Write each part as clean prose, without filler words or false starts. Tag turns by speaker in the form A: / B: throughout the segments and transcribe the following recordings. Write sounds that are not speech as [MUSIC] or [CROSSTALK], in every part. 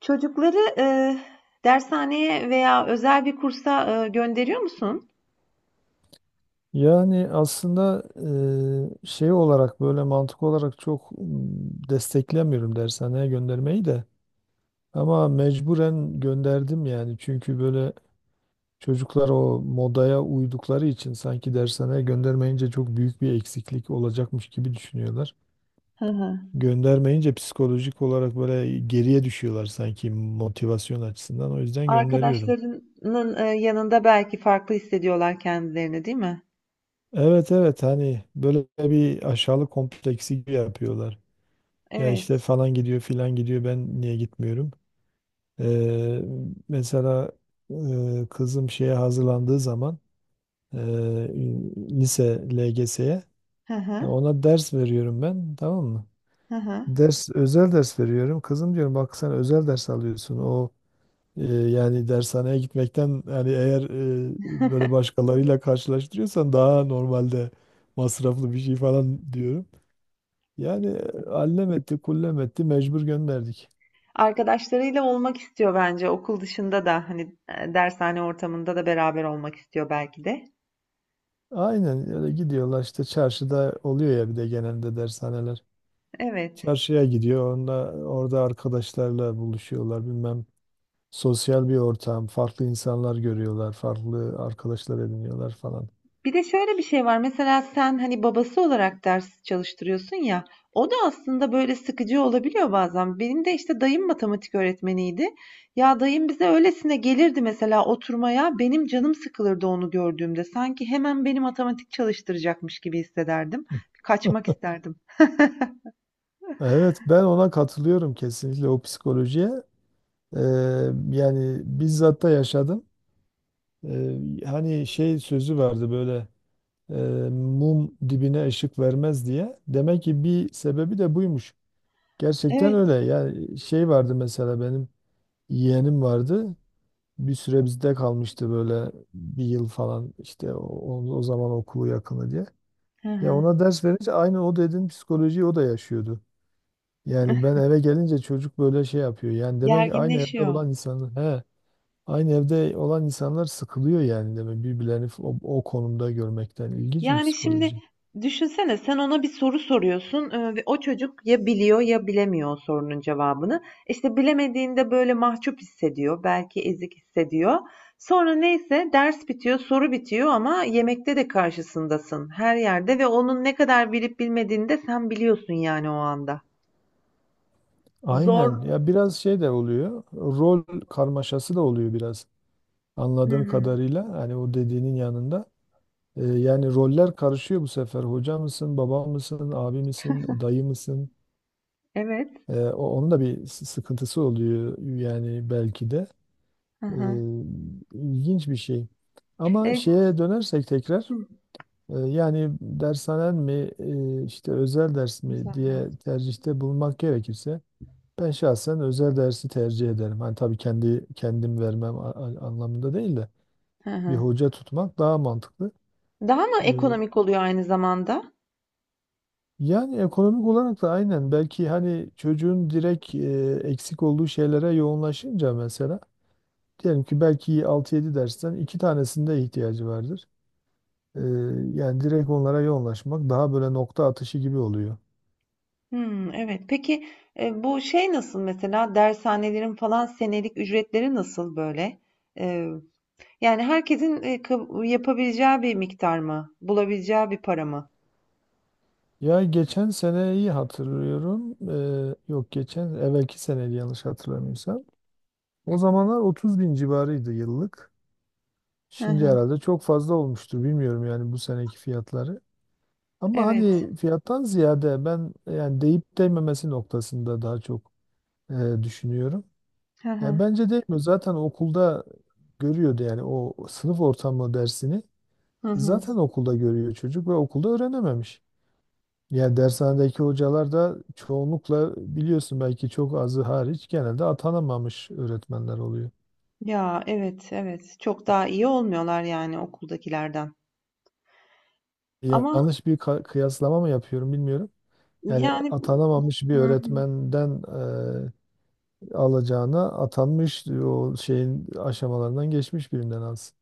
A: Çocukları, dershaneye veya özel bir kursa, gönderiyor musun?
B: Yani aslında şey olarak böyle mantık olarak çok desteklemiyorum dershaneye göndermeyi de. Ama mecburen gönderdim yani. Çünkü böyle çocuklar o modaya uydukları için sanki dershaneye göndermeyince çok büyük bir eksiklik olacakmış gibi düşünüyorlar.
A: Hı hı.
B: Göndermeyince psikolojik olarak böyle geriye düşüyorlar sanki motivasyon açısından. O yüzden gönderiyorum.
A: Arkadaşlarının, yanında belki farklı hissediyorlar kendilerini, değil mi?
B: Evet evet, hani böyle bir aşağılık kompleksi gibi yapıyorlar. Ya işte
A: Evet.
B: falan gidiyor filan gidiyor ben niye gitmiyorum? Ee, Mesela kızım şeye hazırlandığı zaman e, lise LGS'ye
A: Hı hı.
B: ona ders veriyorum ben, tamam mı?
A: Hı hı.
B: Ders özel ders veriyorum. Kızım diyorum bak sen özel ders alıyorsun. O yani dershaneye gitmekten, yani eğer böyle başkalarıyla karşılaştırıyorsan daha normalde masraflı bir şey falan diyorum. Yani allem etti kullem etti mecbur gönderdik.
A: Arkadaşlarıyla olmak istiyor bence okul dışında da hani dershane ortamında da beraber olmak istiyor belki de.
B: Aynen öyle gidiyorlar, işte çarşıda oluyor ya bir de genelde dershaneler.
A: Evet.
B: Çarşıya gidiyor onda orada arkadaşlarla buluşuyorlar bilmem, sosyal bir ortam, farklı insanlar görüyorlar, farklı arkadaşlar ediniyorlar falan.
A: Bir de şöyle bir şey var. Mesela sen hani babası olarak ders çalıştırıyorsun ya. O da aslında böyle sıkıcı olabiliyor bazen. Benim de işte dayım matematik öğretmeniydi. Ya dayım bize öylesine gelirdi mesela oturmaya. Benim canım sıkılırdı onu gördüğümde. Sanki hemen beni matematik çalıştıracakmış gibi hissederdim. Kaçmak
B: [LAUGHS]
A: isterdim.
B: Evet, ben ona katılıyorum kesinlikle, o psikolojiye. Ee, Yani bizzat da yaşadım. Ee, Hani şey sözü vardı böyle, e, mum dibine ışık vermez diye. Demek ki bir sebebi de buymuş. Gerçekten öyle.
A: Evet.
B: Yani şey vardı, mesela benim yeğenim vardı. Bir süre bizde kalmıştı böyle bir yıl falan işte, o zaman okulu yakını diye.
A: Hı
B: Ya
A: hı.
B: ona ders verince aynı o dediğin psikolojiyi o da yaşıyordu. Yani ben eve gelince çocuk böyle şey yapıyor. Yani demek ki aynı evde
A: Gerginleşiyor.
B: olan insanlar he, aynı evde olan insanlar sıkılıyor, yani demek birbirlerini o konumda görmekten, ilginç bir
A: Yani şimdi
B: psikoloji.
A: düşünsene sen ona bir soru soruyorsun ve o çocuk ya biliyor ya bilemiyor o sorunun cevabını. İşte bilemediğinde böyle mahcup hissediyor, belki ezik hissediyor. Sonra neyse ders bitiyor, soru bitiyor ama yemekte de karşısındasın her yerde ve onun ne kadar bilip bilmediğini de sen biliyorsun yani o anda. Zor.
B: Aynen. Ya biraz şey de oluyor. Rol karmaşası da oluyor biraz.
A: Hı
B: Anladığım
A: hı.
B: kadarıyla hani o dediğinin yanında, yani roller karışıyor bu sefer. Hoca mısın, baba mısın, abi misin, dayı mısın?
A: Evet.
B: Onun da bir sıkıntısı oluyor yani belki de.
A: Hı
B: E,
A: hı.
B: ilginç bir şey. Ama
A: E,
B: şeye dönersek tekrar,
A: hı.
B: yani dershanen mi işte özel ders mi
A: Güzel
B: diye
A: ders.
B: tercihte bulunmak gerekirse ben şahsen özel dersi tercih ederim. Hani tabii kendi kendim vermem anlamında değil de
A: Hı
B: bir
A: hı.
B: hoca tutmak daha mantıklı.
A: Daha mı
B: Ee,
A: ekonomik oluyor aynı zamanda?
B: Yani ekonomik olarak da aynen, belki hani çocuğun direkt eksik olduğu şeylere yoğunlaşınca, mesela diyelim ki belki altı yedi dersten iki tanesinde ihtiyacı vardır. Ee, Yani direkt onlara yoğunlaşmak daha böyle nokta atışı gibi oluyor.
A: Hmm, evet. Peki, bu şey nasıl mesela, dershanelerin falan senelik ücretleri nasıl böyle? Eee, yani herkesin, kab yapabileceği bir miktar mı? Bulabileceği bir para mı?
B: Ya geçen seneyi hatırlıyorum. Yok, geçen evvelki seneydi yanlış hatırlamıyorsam. O zamanlar 30 bin civarıydı yıllık.
A: Hı
B: Şimdi
A: hı.
B: herhalde çok fazla olmuştur. Bilmiyorum yani bu seneki fiyatları. Ama
A: Evet.
B: hani fiyattan ziyade ben yani deyip değmemesi noktasında daha çok e, düşünüyorum.
A: Hı
B: Yani
A: hı.
B: bence değmiyor. Zaten okulda görüyordu yani o sınıf ortamı dersini,
A: Hı hı.
B: zaten okulda görüyor çocuk ve okulda öğrenememiş. Yani dershanedeki hocalar da çoğunlukla biliyorsun, belki çok azı hariç, genelde atanamamış öğretmenler oluyor.
A: Ya, evet, evet. Çok daha iyi olmuyorlar yani okuldakilerden. Ama
B: Yanlış bir kıyaslama mı yapıyorum bilmiyorum. Yani
A: yani.
B: atanamamış bir
A: Hı hı.
B: öğretmenden e, alacağına, atanmış o şeyin aşamalarından geçmiş birinden alsın.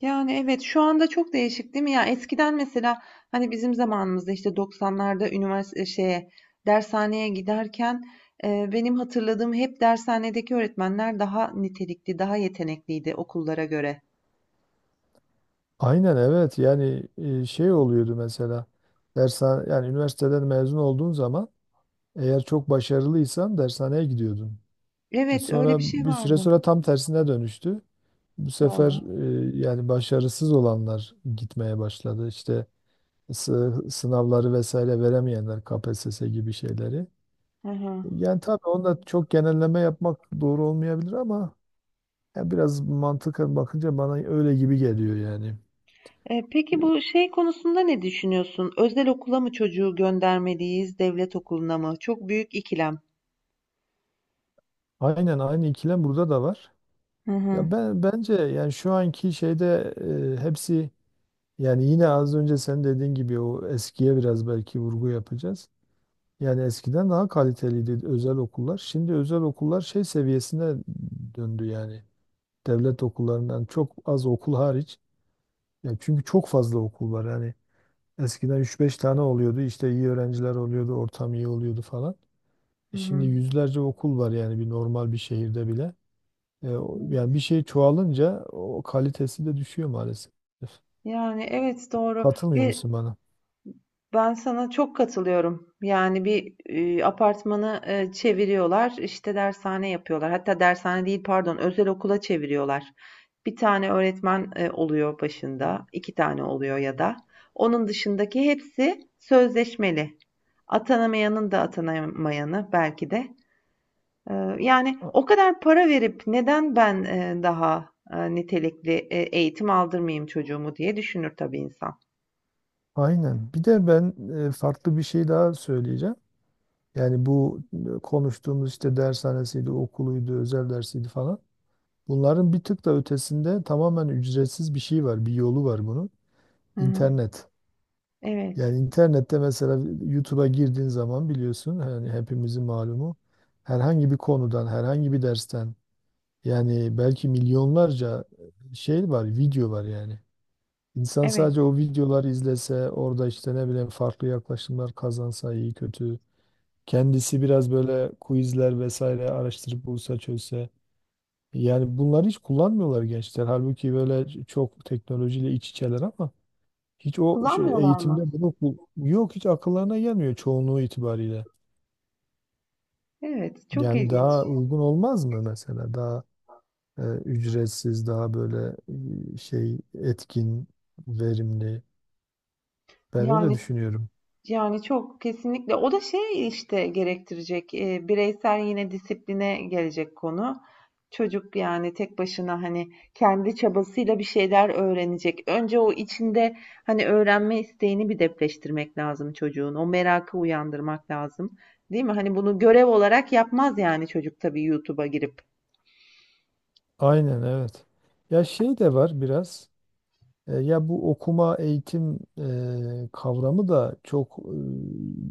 A: Yani, evet, şu anda çok değişik değil mi? Ya, eskiden mesela, hani, bizim zamanımızda, işte, 90'larda üniversite şeye, dershaneye giderken, benim hatırladığım hep dershanedeki öğretmenler daha nitelikli, daha yetenekliydi okullara göre.
B: Aynen evet, yani şey oluyordu mesela, dershane, yani üniversiteden mezun olduğun zaman eğer çok başarılıysan dershaneye gidiyordun.
A: Evet,
B: Sonra
A: öyle bir şey
B: bir süre
A: vardı.
B: sonra tam tersine dönüştü. Bu sefer
A: Doğru.
B: yani başarısız olanlar gitmeye başladı. İşte sınavları vesaire veremeyenler, KPSS gibi şeyleri.
A: Hı hı.
B: Yani tabii onda çok genelleme yapmak doğru olmayabilir ama ya biraz mantıken bakınca bana öyle gibi geliyor yani.
A: Peki bu şey konusunda ne düşünüyorsun? Özel okula mı çocuğu göndermeliyiz, devlet okuluna mı? Çok büyük ikilem.
B: Aynen, aynı ikilem burada da var.
A: Hı hı.
B: Ya ben bence yani şu anki şeyde hepsi, yani yine az önce sen dediğin gibi o eskiye biraz belki vurgu yapacağız. Yani eskiden daha kaliteliydi özel okullar. Şimdi özel okullar şey seviyesine döndü yani. Devlet okullarından, çok az okul hariç. Ya çünkü çok fazla okul var. Yani eskiden üç beş tane oluyordu. İşte iyi öğrenciler oluyordu, ortam iyi oluyordu falan.
A: Hı
B: E şimdi
A: hı.
B: yüzlerce okul var, yani bir normal bir şehirde bile. Yani bir
A: Evet.
B: şey çoğalınca o kalitesi de düşüyor maalesef.
A: Yani, evet, doğru.
B: Katılmıyor
A: Bir.
B: musun bana?
A: Ben sana çok katılıyorum. Yani bir apartmanı çeviriyorlar, işte dershane yapıyorlar. Hatta dershane değil, pardon, özel okula çeviriyorlar. Bir tane öğretmen oluyor başında, iki tane oluyor ya da. Onun dışındaki hepsi sözleşmeli. Atanamayanın da atanamayanı belki de yani
B: A-
A: o kadar para verip neden ben, daha, nitelikli, eğitim aldırmayayım çocuğumu diye düşünür tabii insan.
B: Aynen. Bir de ben farklı bir şey daha söyleyeceğim. Yani bu konuştuğumuz işte dershanesiydi, okuluydu, özel dersiydi falan. Bunların bir tık da ötesinde tamamen ücretsiz bir şey var, bir yolu var bunun.
A: Hı hı.
B: İnternet.
A: Evet,
B: Yani internette mesela YouTube'a girdiğin zaman biliyorsun, hani hepimizin malumu, herhangi bir konudan, herhangi bir dersten yani belki milyonlarca şey var, video var yani. İnsan sadece
A: evet.
B: o videoları izlese, orada işte ne bileyim farklı yaklaşımlar kazansa iyi kötü. Kendisi biraz böyle quizler vesaire araştırıp bulsa çözse. Yani bunları hiç kullanmıyorlar gençler. Halbuki böyle çok teknolojiyle iç içeler ama hiç o şey,
A: Kullanmıyorlar mı?
B: eğitimde bunu bu, yok, hiç akıllarına gelmiyor çoğunluğu itibariyle.
A: Evet, çok
B: Yani
A: ilginç.
B: daha uygun olmaz mı mesela? Daha ücretsiz, daha böyle şey etkin, verimli. Ben öyle
A: Yani.
B: düşünüyorum.
A: Yani çok kesinlikle. O da şey işte gerektirecek, bireysel yine disipline gelecek konu. Çocuk yani tek başına hani kendi çabasıyla bir şeyler öğrenecek. Önce o içinde hani öğrenme isteğini bir depreştirmek lazım çocuğun. O merakı uyandırmak lazım. Değil mi? Hani bunu görev olarak yapmaz yani çocuk tabii YouTube'a girip.
B: Aynen evet. Ya şey de var biraz. Ya bu okuma, eğitim kavramı da çok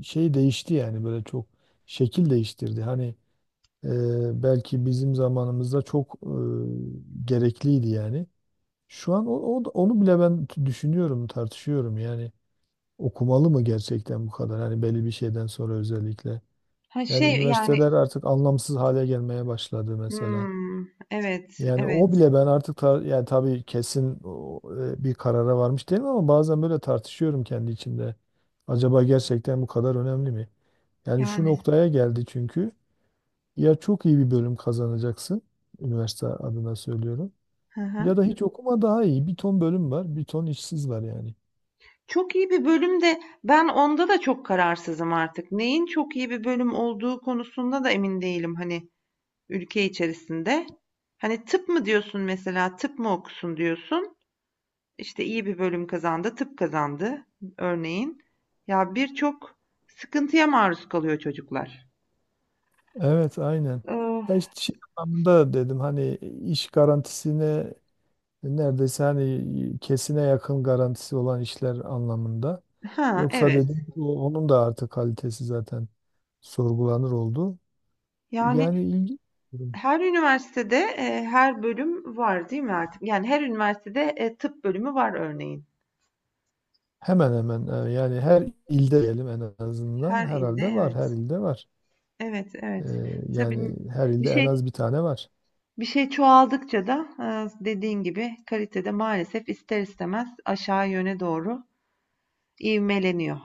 B: şey değişti yani, böyle çok şekil değiştirdi. Hani belki bizim zamanımızda çok gerekliydi yani. Şu an onu bile ben düşünüyorum, tartışıyorum. Yani okumalı mı gerçekten bu kadar? Hani belli bir şeyden sonra özellikle.
A: Ha
B: Yani
A: şey yani
B: üniversiteler artık anlamsız hale gelmeye başladı mesela.
A: hmm, evet,
B: Yani
A: evet
B: o bile ben artık yani tabii kesin bir karara varmış değilim ama bazen böyle tartışıyorum kendi içimde. Acaba gerçekten bu kadar önemli mi? Yani şu
A: yani.
B: noktaya geldi çünkü, ya çok iyi bir bölüm kazanacaksın, üniversite adına söylüyorum.
A: Hı
B: Ya
A: hı.
B: da hiç okuma daha iyi. Bir ton bölüm var, bir ton işsiz var yani.
A: Çok iyi bir bölüm de ben onda da çok kararsızım artık. Neyin çok iyi bir bölüm olduğu konusunda da emin değilim hani ülke içerisinde. Hani tıp mı diyorsun mesela, tıp mı okusun diyorsun. İşte iyi bir bölüm kazandı, tıp kazandı örneğin. Ya birçok sıkıntıya maruz kalıyor çocuklar.
B: Evet aynen.
A: Ee,
B: Ya işte şey anlamında dedim, hani iş garantisine neredeyse hani kesine yakın garantisi olan işler anlamında.
A: ha
B: Yoksa
A: evet.
B: dedim onun da artık kalitesi zaten sorgulanır oldu. Yani
A: Yani
B: ilgi
A: her üniversitede her bölüm var değil mi artık? Yani her üniversitede tıp bölümü var örneğin.
B: hemen hemen yani her ilde diyelim, en azından
A: Her ilde
B: herhalde var,
A: evet.
B: her ilde var.
A: Evet,
B: Ee,
A: evet. Tabii
B: Yani her
A: bir
B: ilde en
A: şey
B: az bir tane var.
A: bir şey çoğaldıkça da dediğin gibi kalitede maalesef ister istemez aşağı yöne doğru ivmeleniyor.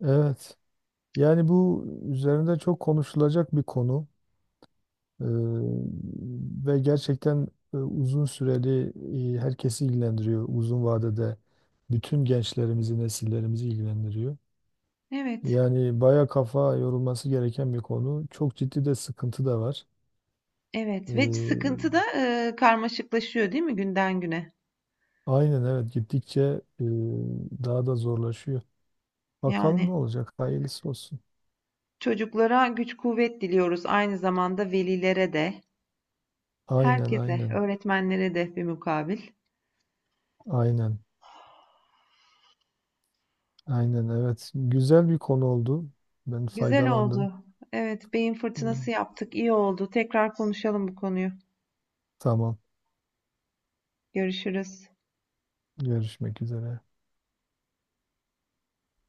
B: Evet. Yani bu üzerinde çok konuşulacak bir konu. Ee, Ve gerçekten uzun süreli, herkesi ilgilendiriyor. Uzun vadede bütün gençlerimizi, nesillerimizi ilgilendiriyor.
A: Evet,
B: Yani baya kafa yorulması gereken bir konu. Çok ciddi de sıkıntı da var.
A: evet ve
B: Ee,
A: sıkıntı da karmaşıklaşıyor değil mi günden güne?
B: aynen evet, gittikçe e, daha da zorlaşıyor. Bakalım ne
A: Yani
B: olacak? Hayırlısı olsun.
A: çocuklara güç kuvvet diliyoruz aynı zamanda velilere de,
B: Aynen
A: herkese,
B: aynen.
A: öğretmenlere de bir mukabil.
B: Aynen. Aynen evet. Güzel bir konu oldu. Ben
A: Güzel
B: faydalandım.
A: oldu. Evet, beyin fırtınası
B: Ee,
A: yaptık. İyi oldu. Tekrar konuşalım bu konuyu.
B: Tamam.
A: Görüşürüz.
B: Görüşmek üzere.